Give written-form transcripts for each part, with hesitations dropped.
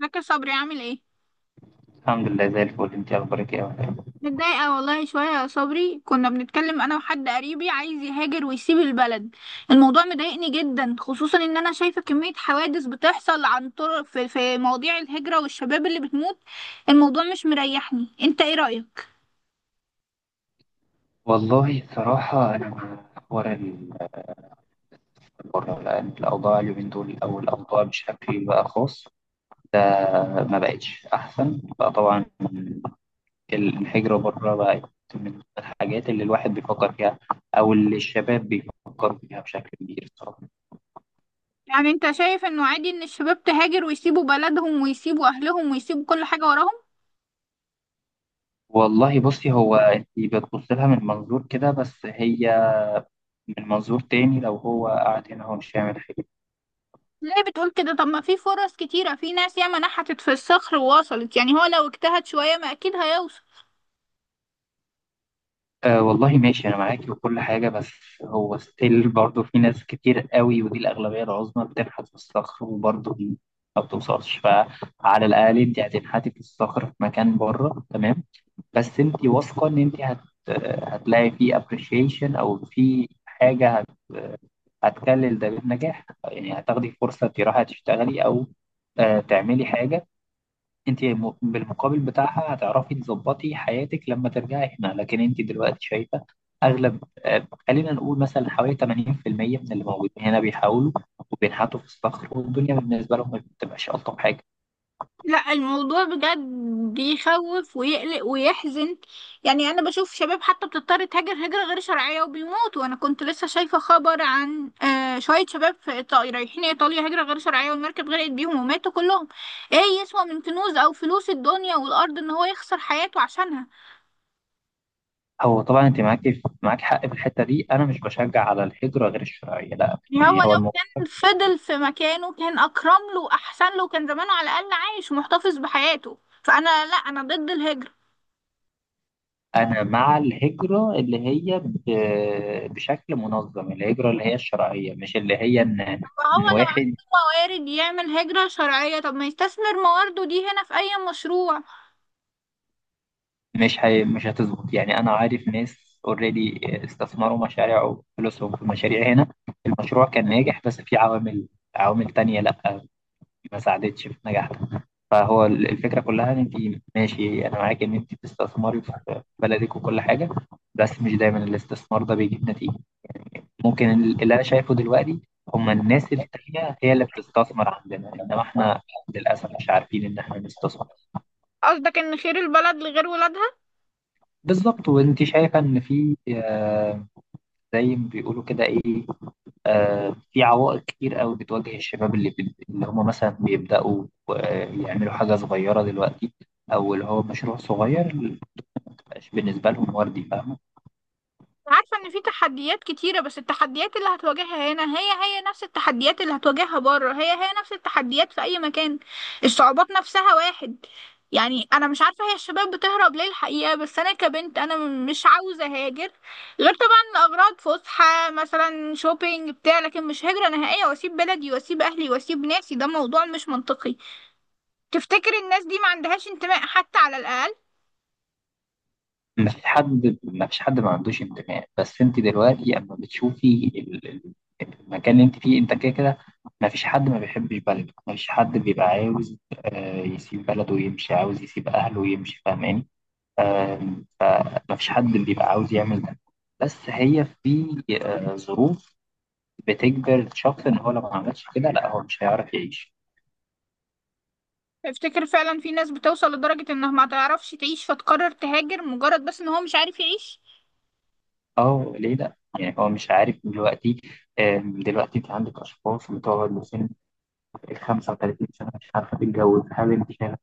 فاكر صبري عامل ايه؟ الحمد لله زي الفل، انت اخبارك ايه يا وفاء؟ متضايقة والله شوية يا صبري، كنا بنتكلم انا وحد قريبي عايز يهاجر ويسيب البلد. الموضوع مضايقني جدا، خصوصا ان انا شايفة كمية حوادث بتحصل عن طرق في مواضيع الهجرة والشباب اللي بتموت. الموضوع مش مريحني، انت ايه رأيك؟ والله صراحة انا مع حوار البره، لان الاوضاع اليومين دول او الاوضاع بشكل بقى خاص ده ما بقتش احسن بقى طبعا. الانحجر بره بقت من الحاجات اللي الواحد بيفكر فيها، او اللي الشباب بيفكروا فيها بشكل كبير الصراحة. يعني انت شايف انه عادي ان الشباب تهاجر ويسيبوا بلدهم ويسيبوا اهلهم ويسيبوا كل حاجة وراهم؟ والله بصي، هو انت بتبص لها من منظور كده، بس هي من منظور تاني لو هو قاعد هنا هو مش هيعمل حاجة. ليه بتقول كده؟ طب ما في فرص كتيرة، في ناس ياما نحتت في الصخر ووصلت، يعني هو لو اجتهد شوية ما اكيد هيوصل. أه والله ماشي، أنا معاكي وكل حاجة، بس هو ستيل برضه في ناس كتير قوي، ودي الأغلبية العظمى بتنحت في الصخر، وبرضه دي ما بتوصلش. فعلى الأقل أنت هتنحتي في الصخر في مكان بره، تمام، بس أنت واثقة إن أنت هتلاقي فيه appreciation أو في حاجة، هت... هتكلل ده بالنجاح؟ يعني هتاخدي فرصة تروحي تشتغلي أو تعملي حاجة. بالمقابل بتاعها هتعرفي تظبطي حياتك لما ترجعي هنا. لكن انت دلوقتي شايفه اغلب، خلينا نقول مثلا حوالي 80% من اللي موجودين هنا بيحاولوا وبينحتوا في الصخر، والدنيا بالنسبه لهم ما بتبقاش الطف حاجه. لا، الموضوع بجد يخوف ويقلق ويحزن. يعني انا بشوف شباب حتى بتضطر تهاجر هجرة غير شرعية وبيموتوا. انا كنت لسه شايفة خبر عن شوية شباب في إيطاليا رايحين ايطاليا هجرة غير شرعية، والمركب غرقت بيهم وماتوا كلهم. ايه يسوى من كنوز او فلوس الدنيا والارض ان هو يخسر حياته عشانها؟ هو طبعا انت معاكي، معاك حق في الحته دي. انا مش بشجع على الهجره غير الشرعيه، لا، يعني هو يعني هو لو الموضوع، كان فضل في مكانه كان اكرم له واحسن له، كان زمانه على الاقل عايش ومحتفظ بحياته. فانا لا، انا ضد الهجرة. انا مع الهجره اللي هي بشكل منظم، الهجره اللي هي الشرعيه، مش اللي هي ان فهو إن لو واحد، عنده موارد يعمل هجرة شرعية، طب ما يستثمر موارده دي هنا في أي مشروع. مش هتظبط. يعني انا عارف ناس اوريدي استثمروا مشاريع وفلوسهم في مشاريع هنا، المشروع كان ناجح، بس في عوامل، عوامل تانية لا ما ساعدتش في نجاح ده. فهو الفكرة كلها ان انت، ماشي انا معاك ان انت بتستثمري في بلدك وكل حاجة، بس مش دايما الاستثمار ده بيجيب نتيجة. ممكن اللي انا شايفه دلوقتي هما الناس التانية هي اللي بتستثمر عندنا، انما احنا للأسف مش عارفين ان احنا نستثمر. قصدك إن خير البلد لغير ولادها؟ بالظبط، وانت شايفة ان في، زي ما بيقولوا كده ايه، في عوائق كتير قوي بتواجه الشباب، اللي هم مثلا بيبداوا يعملوا حاجه صغيره دلوقتي، او اللي هو مشروع صغير، ما بتبقاش بالنسبه لهم وردي، فاهمه. عارفة ان في تحديات كتيرة، بس التحديات اللي هتواجهها هنا هي هي نفس التحديات اللي هتواجهها بره، هي هي نفس التحديات في اي مكان. الصعوبات نفسها واحد. يعني انا مش عارفة هي الشباب بتهرب ليه الحقيقة، بس انا كبنت انا مش عاوزة هاجر، غير طبعا اغراض فسحة مثلا شوبينج بتاع، لكن مش هجرة نهائية واسيب بلدي واسيب اهلي واسيب ناسي، ده موضوع مش منطقي. تفتكر الناس دي ما عندهاش انتماء حتى على الاقل؟ ما فيش حد ما عندوش انتماء، بس انت دلوقتي اما بتشوفي المكان اللي انت فيه انت كده كده. ما فيش حد ما بيحبش بلده، ما فيش حد بيبقى عاوز يسيب بلده ويمشي، عاوز يسيب اهله ويمشي، فاهماني؟ فمفيش حد بيبقى عاوز يعمل ده، بس هي في، ظروف بتجبر الشخص ان هو لو ما عملش كده لا هو مش هيعرف يعيش. افتكر فعلا في ناس بتوصل لدرجة انها ما تعرفش تعيش فتقرر تهاجر مجرد بس ان هو مش عارف يعيش. اه، ليه لا، يعني هو مش عارف دلوقتي. دلوقتي انت عندك اشخاص بتقعد لسن ال 35 سنه مش عارفه تتجوز، هل انت شايف؟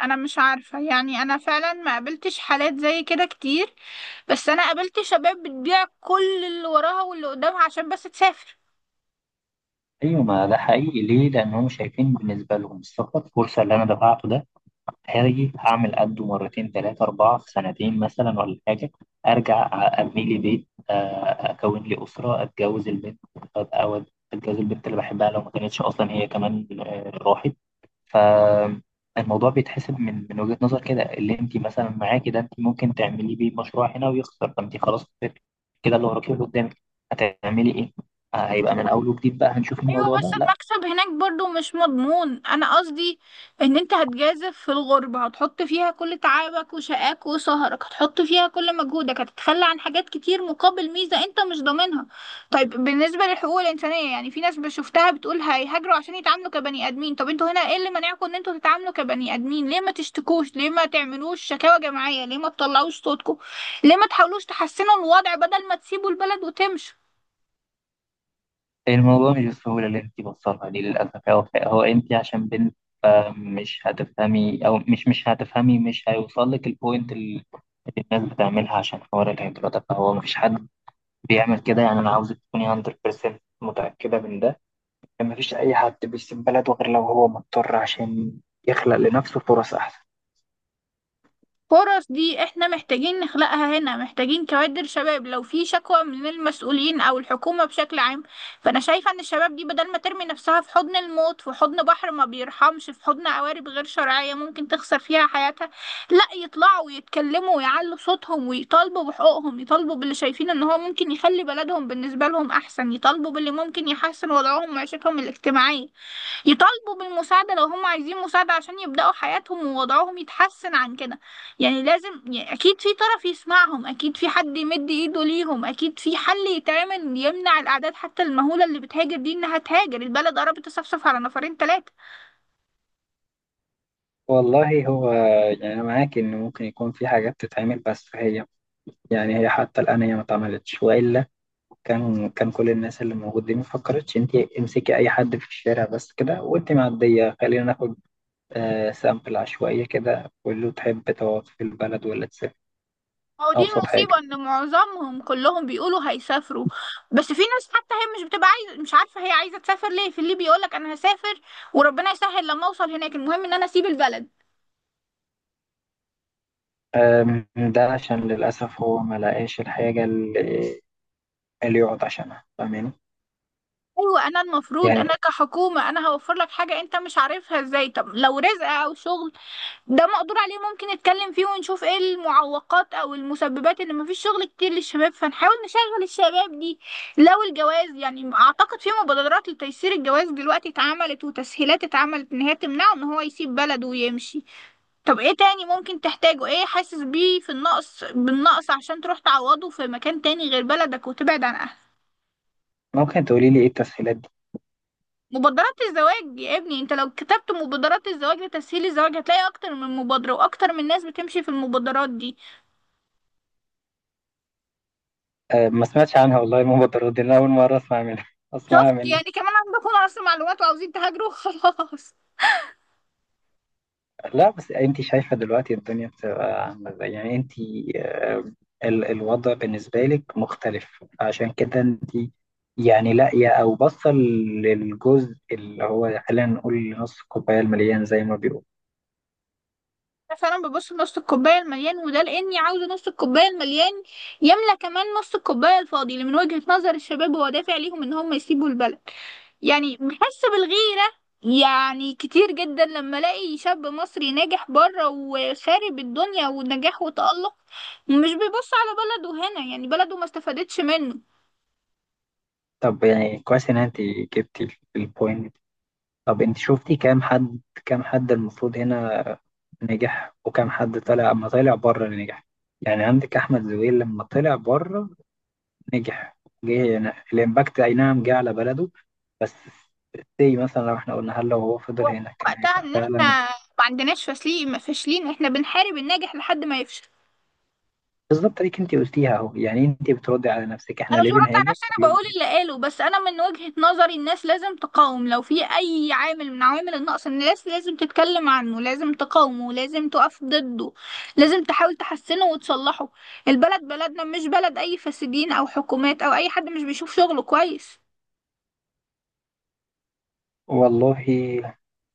انا مش عارفة، يعني انا فعلا ما قابلتش حالات زي كده كتير، بس انا قابلت شباب بتبيع كل اللي وراها واللي قدامها عشان بس تسافر. ايوه، ما ده حقيقي. ليه؟ لان هم شايفين بالنسبه لهم السفر فرصه. اللي انا دفعته ده هاجي هعمل قده مرتين تلاتة أربعة في سنتين مثلا ولا حاجة. أرجع أبني لي بيت، أكون لي أسرة، أتجوز البنت، أبقى أود، أتجوز البنت اللي بحبها، لو ما كانتش أصلا هي كمان راحت. فالموضوع بيتحسب من وجهة نظر كده. اللي أنت مثلا معاكي ده أنت ممكن تعملي بيه مشروع هنا ويخسر، فأنت خلاص كده اللي وراكي واللي قدامك، هتعملي إيه؟ هيبقى من أول وجديد بقى، هنشوف ايوه الموضوع بس ده. المكسب هناك برضو مش مضمون. انا قصدي ان انت هتجازف في الغربة، هتحط فيها كل تعبك وشقاك وسهرك، هتحط فيها كل مجهودك، هتتخلى عن حاجات كتير مقابل ميزة انت مش ضامنها. طيب بالنسبة للحقوق الانسانية، يعني في ناس بشوفتها بتقول هيهاجروا عشان يتعاملوا كبني ادمين. طب انتوا هنا ايه اللي منعكم ان انتوا تتعاملوا كبني ادمين؟ ليه ما تشتكوش؟ ليه ما تعملوش شكاوى جماعية؟ ليه ما تطلعوش صوتكم؟ ليه ما تحاولوش تحسنوا الوضع بدل ما تسيبوا البلد وتمشوا؟ الموضوع مش بالسهولة اللي انت بتصلها دي للأسف. هو انت عشان بنت مش هتفهمي، أو مش هتفهمي، مش هيوصل لك البوينت اللي الناس بتعملها عشان حوار الهجرة ده. فهو مفيش حد بيعمل كده، يعني أنا عاوزك تكوني 100% متأكدة من ده، إن مفيش أي حد بيسيب بلده غير لو هو مضطر عشان يخلق لنفسه فرص أحسن. فرص دي احنا محتاجين نخلقها هنا، محتاجين كوادر شباب لو في شكوى من المسؤولين او الحكومة بشكل عام. فانا شايفة ان الشباب دي بدل ما ترمي نفسها في حضن الموت، في حضن بحر ما بيرحمش، في حضن قوارب غير شرعية ممكن تخسر فيها حياتها، لا يطلعوا ويتكلموا ويعلوا صوتهم ويطالبوا بحقوقهم، يطالبوا باللي شايفين ان هو ممكن يخلي بلدهم بالنسبة لهم احسن، يطالبوا باللي ممكن يحسن وضعهم وعيشتهم الاجتماعية، يطالبوا بالمساعدة لو هم عايزين مساعدة عشان يبدأوا حياتهم ووضعهم يتحسن عن كده. يعني لازم، يعني أكيد في طرف يسمعهم، أكيد في حد يمد إيده ليهم، أكيد في حل يتعمل يمنع الأعداد حتى المهولة اللي بتهاجر دي إنها تهاجر، البلد قربت تصفصف على نفرين تلاتة. والله هو، يعني أنا معاك إن ممكن يكون في حاجات تتعمل، بس هي يعني هي حتى الآن هي ما اتعملتش، وإلا كان كل الناس اللي موجودين ما فكرتش. انت امسكي اي حد في الشارع بس كده وانت معديه، خلينا ناخد سامبل عشوائيه كده، قول له تحب تقعد في البلد ولا تسافر؟ هو دي ابسط حاجه. المصيبة، إن معظمهم كلهم بيقولوا هيسافروا. بس في ناس حتى هي مش بتبقى عايزة، مش عارفة هي عايزة تسافر ليه، في اللي بيقولك أنا هسافر وربنا يسهل لما أوصل هناك، المهم إن أنا أسيب البلد. ده عشان للاسف هو ما لقاش الحاجه اللي, اللي يقعد عشانها، فاهماني؟ ايوه، انا المفروض يعني انا كحكومه انا هوفر لك حاجه انت مش عارفها ازاي. طب لو رزق او شغل، ده مقدور عليه، ممكن نتكلم فيه ونشوف ايه المعوقات او المسببات ان مفيش شغل كتير للشباب، فنحاول نشغل الشباب دي. لو الجواز، يعني اعتقد في مبادرات لتيسير الجواز دلوقتي اتعملت، وتسهيلات اتعملت ان هي تمنعه ان هو يسيب بلده ويمشي. طب ايه تاني ممكن تحتاجه؟ ايه حاسس بيه في النقص، بالنقص، عشان تروح تعوضه في مكان تاني غير بلدك وتبعد عن… ممكن تقولي لي ايه التسهيلات دي؟ مبادرات الزواج يا ابني، انت لو كتبت مبادرات الزواج لتسهيل الزواج هتلاقي اكتر من مبادرة واكتر من ناس بتمشي في المبادرات دي. آه، ما سمعتش عنها والله. المبادرات دي انا اول مره اسمع منها، اسمعها. شفت؟ يعني كمان عندكم عصر معلومات وعاوزين تهاجروا خلاص. لا، بس انت شايفه دلوقتي الدنيا بتبقى عامله ازاي؟ يعني انت، آه، الوضع بالنسبه لك مختلف، عشان كده انت يعني لاقيه او باصه للجزء اللي هو، خلينا نقول، نص الكوبايه المليان، زي ما بيقول. انا فعلا ببص نص الكوباية المليان، وده لاني عاوزة نص الكوباية المليان يملى كمان، نص الكوباية الفاضي اللي من وجهة نظر الشباب هو دافع ليهم ان هم يسيبوا البلد. يعني بحس بالغيرة، يعني كتير جدا لما الاقي شاب مصري ناجح بره وخارب الدنيا ونجاح وتألق مش بيبص على بلده هنا، يعني بلده ما استفادتش منه. طب يعني كويس ان انت جبتي البوينت. طب انت شفتي كام حد، كام حد المفروض هنا نجح، وكام حد طلع، اما طلع بره اللي نجح؟ يعني عندك احمد زويل لما طلع بره نجح، جه يعني الإمباكت أي نعم جه على بلده، بس زي مثلا لو احنا قلنا هل لو هو فضل و- هنا كان وقتها هيبقى ان فعلا؟ احنا ما عندناش فاشلين، فاشلين احنا بنحارب الناجح لحد ما يفشل. بالظبط، اللي انت قلتيها اهو، يعني انت بتردي على نفسك، احنا انا مش ليه برد على بنهاجر، نفسي، انا ليه بقول اللي بنهاجر؟ قاله، بس انا من وجهة نظري الناس لازم تقاوم، لو في اي عامل من عوامل النقص الناس لازم تتكلم عنه، لازم تقاومه، لازم تقف ضده، لازم تحاول تحسنه وتصلحه. البلد بلدنا، مش بلد اي فاسدين او حكومات او اي حد مش بيشوف شغله كويس. والله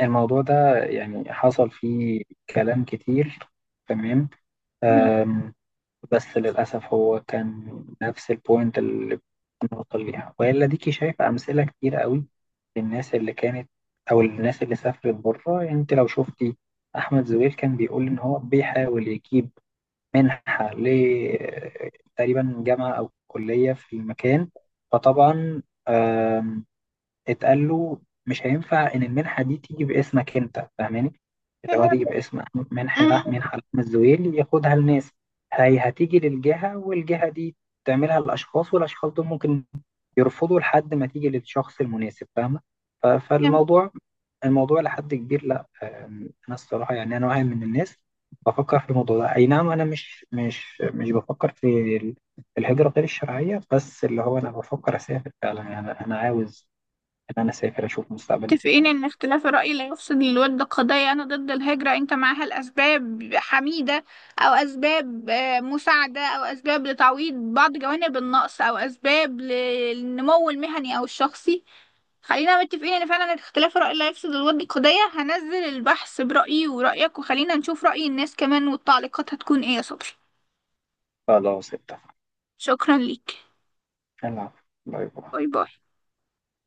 الموضوع ده يعني حصل فيه كلام كتير، تمام، مهم. بس للأسف هو كان نفس البوينت اللي بنوصل ليها. وإلا ديكي شايف أمثلة كتير قوي للناس اللي كانت، أو الناس اللي سافرت بره. يعني أنت لو شفتي أحمد زويل كان بيقول إن هو بيحاول يجيب منحة ل، تقريبا جامعة أو كلية في المكان، فطبعا اتقال له مش هينفع ان المنحه دي تيجي باسمك انت، فاهماني؟ اللي هو تيجي باسم أحمد منحي، فهم. راح منحه لحم الزويل ياخدها لناس. هي هتيجي للجهه، والجهه دي تعملها للاشخاص، والاشخاص دول ممكن يرفضوا لحد ما تيجي للشخص المناسب، فاهمه. فالموضوع، الموضوع لحد كبير لا. انا الصراحه يعني انا واحد من الناس بفكر في الموضوع ده، اي نعم، انا مش بفكر في ال- الهجره غير الشرعيه، بس اللي هو انا بفكر اسافر فعلا. يعني انا عاوز إن أنا أسافر أشوف مستقبلي في متفقين مكان أحسن. إن اختلاف الرأي لا يفسد للود قضية. أنا ضد الهجرة إن كان معاها الأسباب حميدة، أو أسباب مساعدة، أو أسباب لتعويض بعض جوانب النقص، أو أسباب للنمو المهني أو الشخصي. خلينا متفقين إن فعلا اختلاف الرأي لا يفسد للود قضية. هنزل البحث برأيي ورأيك، وخلينا نشوف رأي الناس كمان والتعليقات هتكون إيه يا صبري. خلاص اتفقنا. شكرا ليك. العفو. باي باي. باي باي.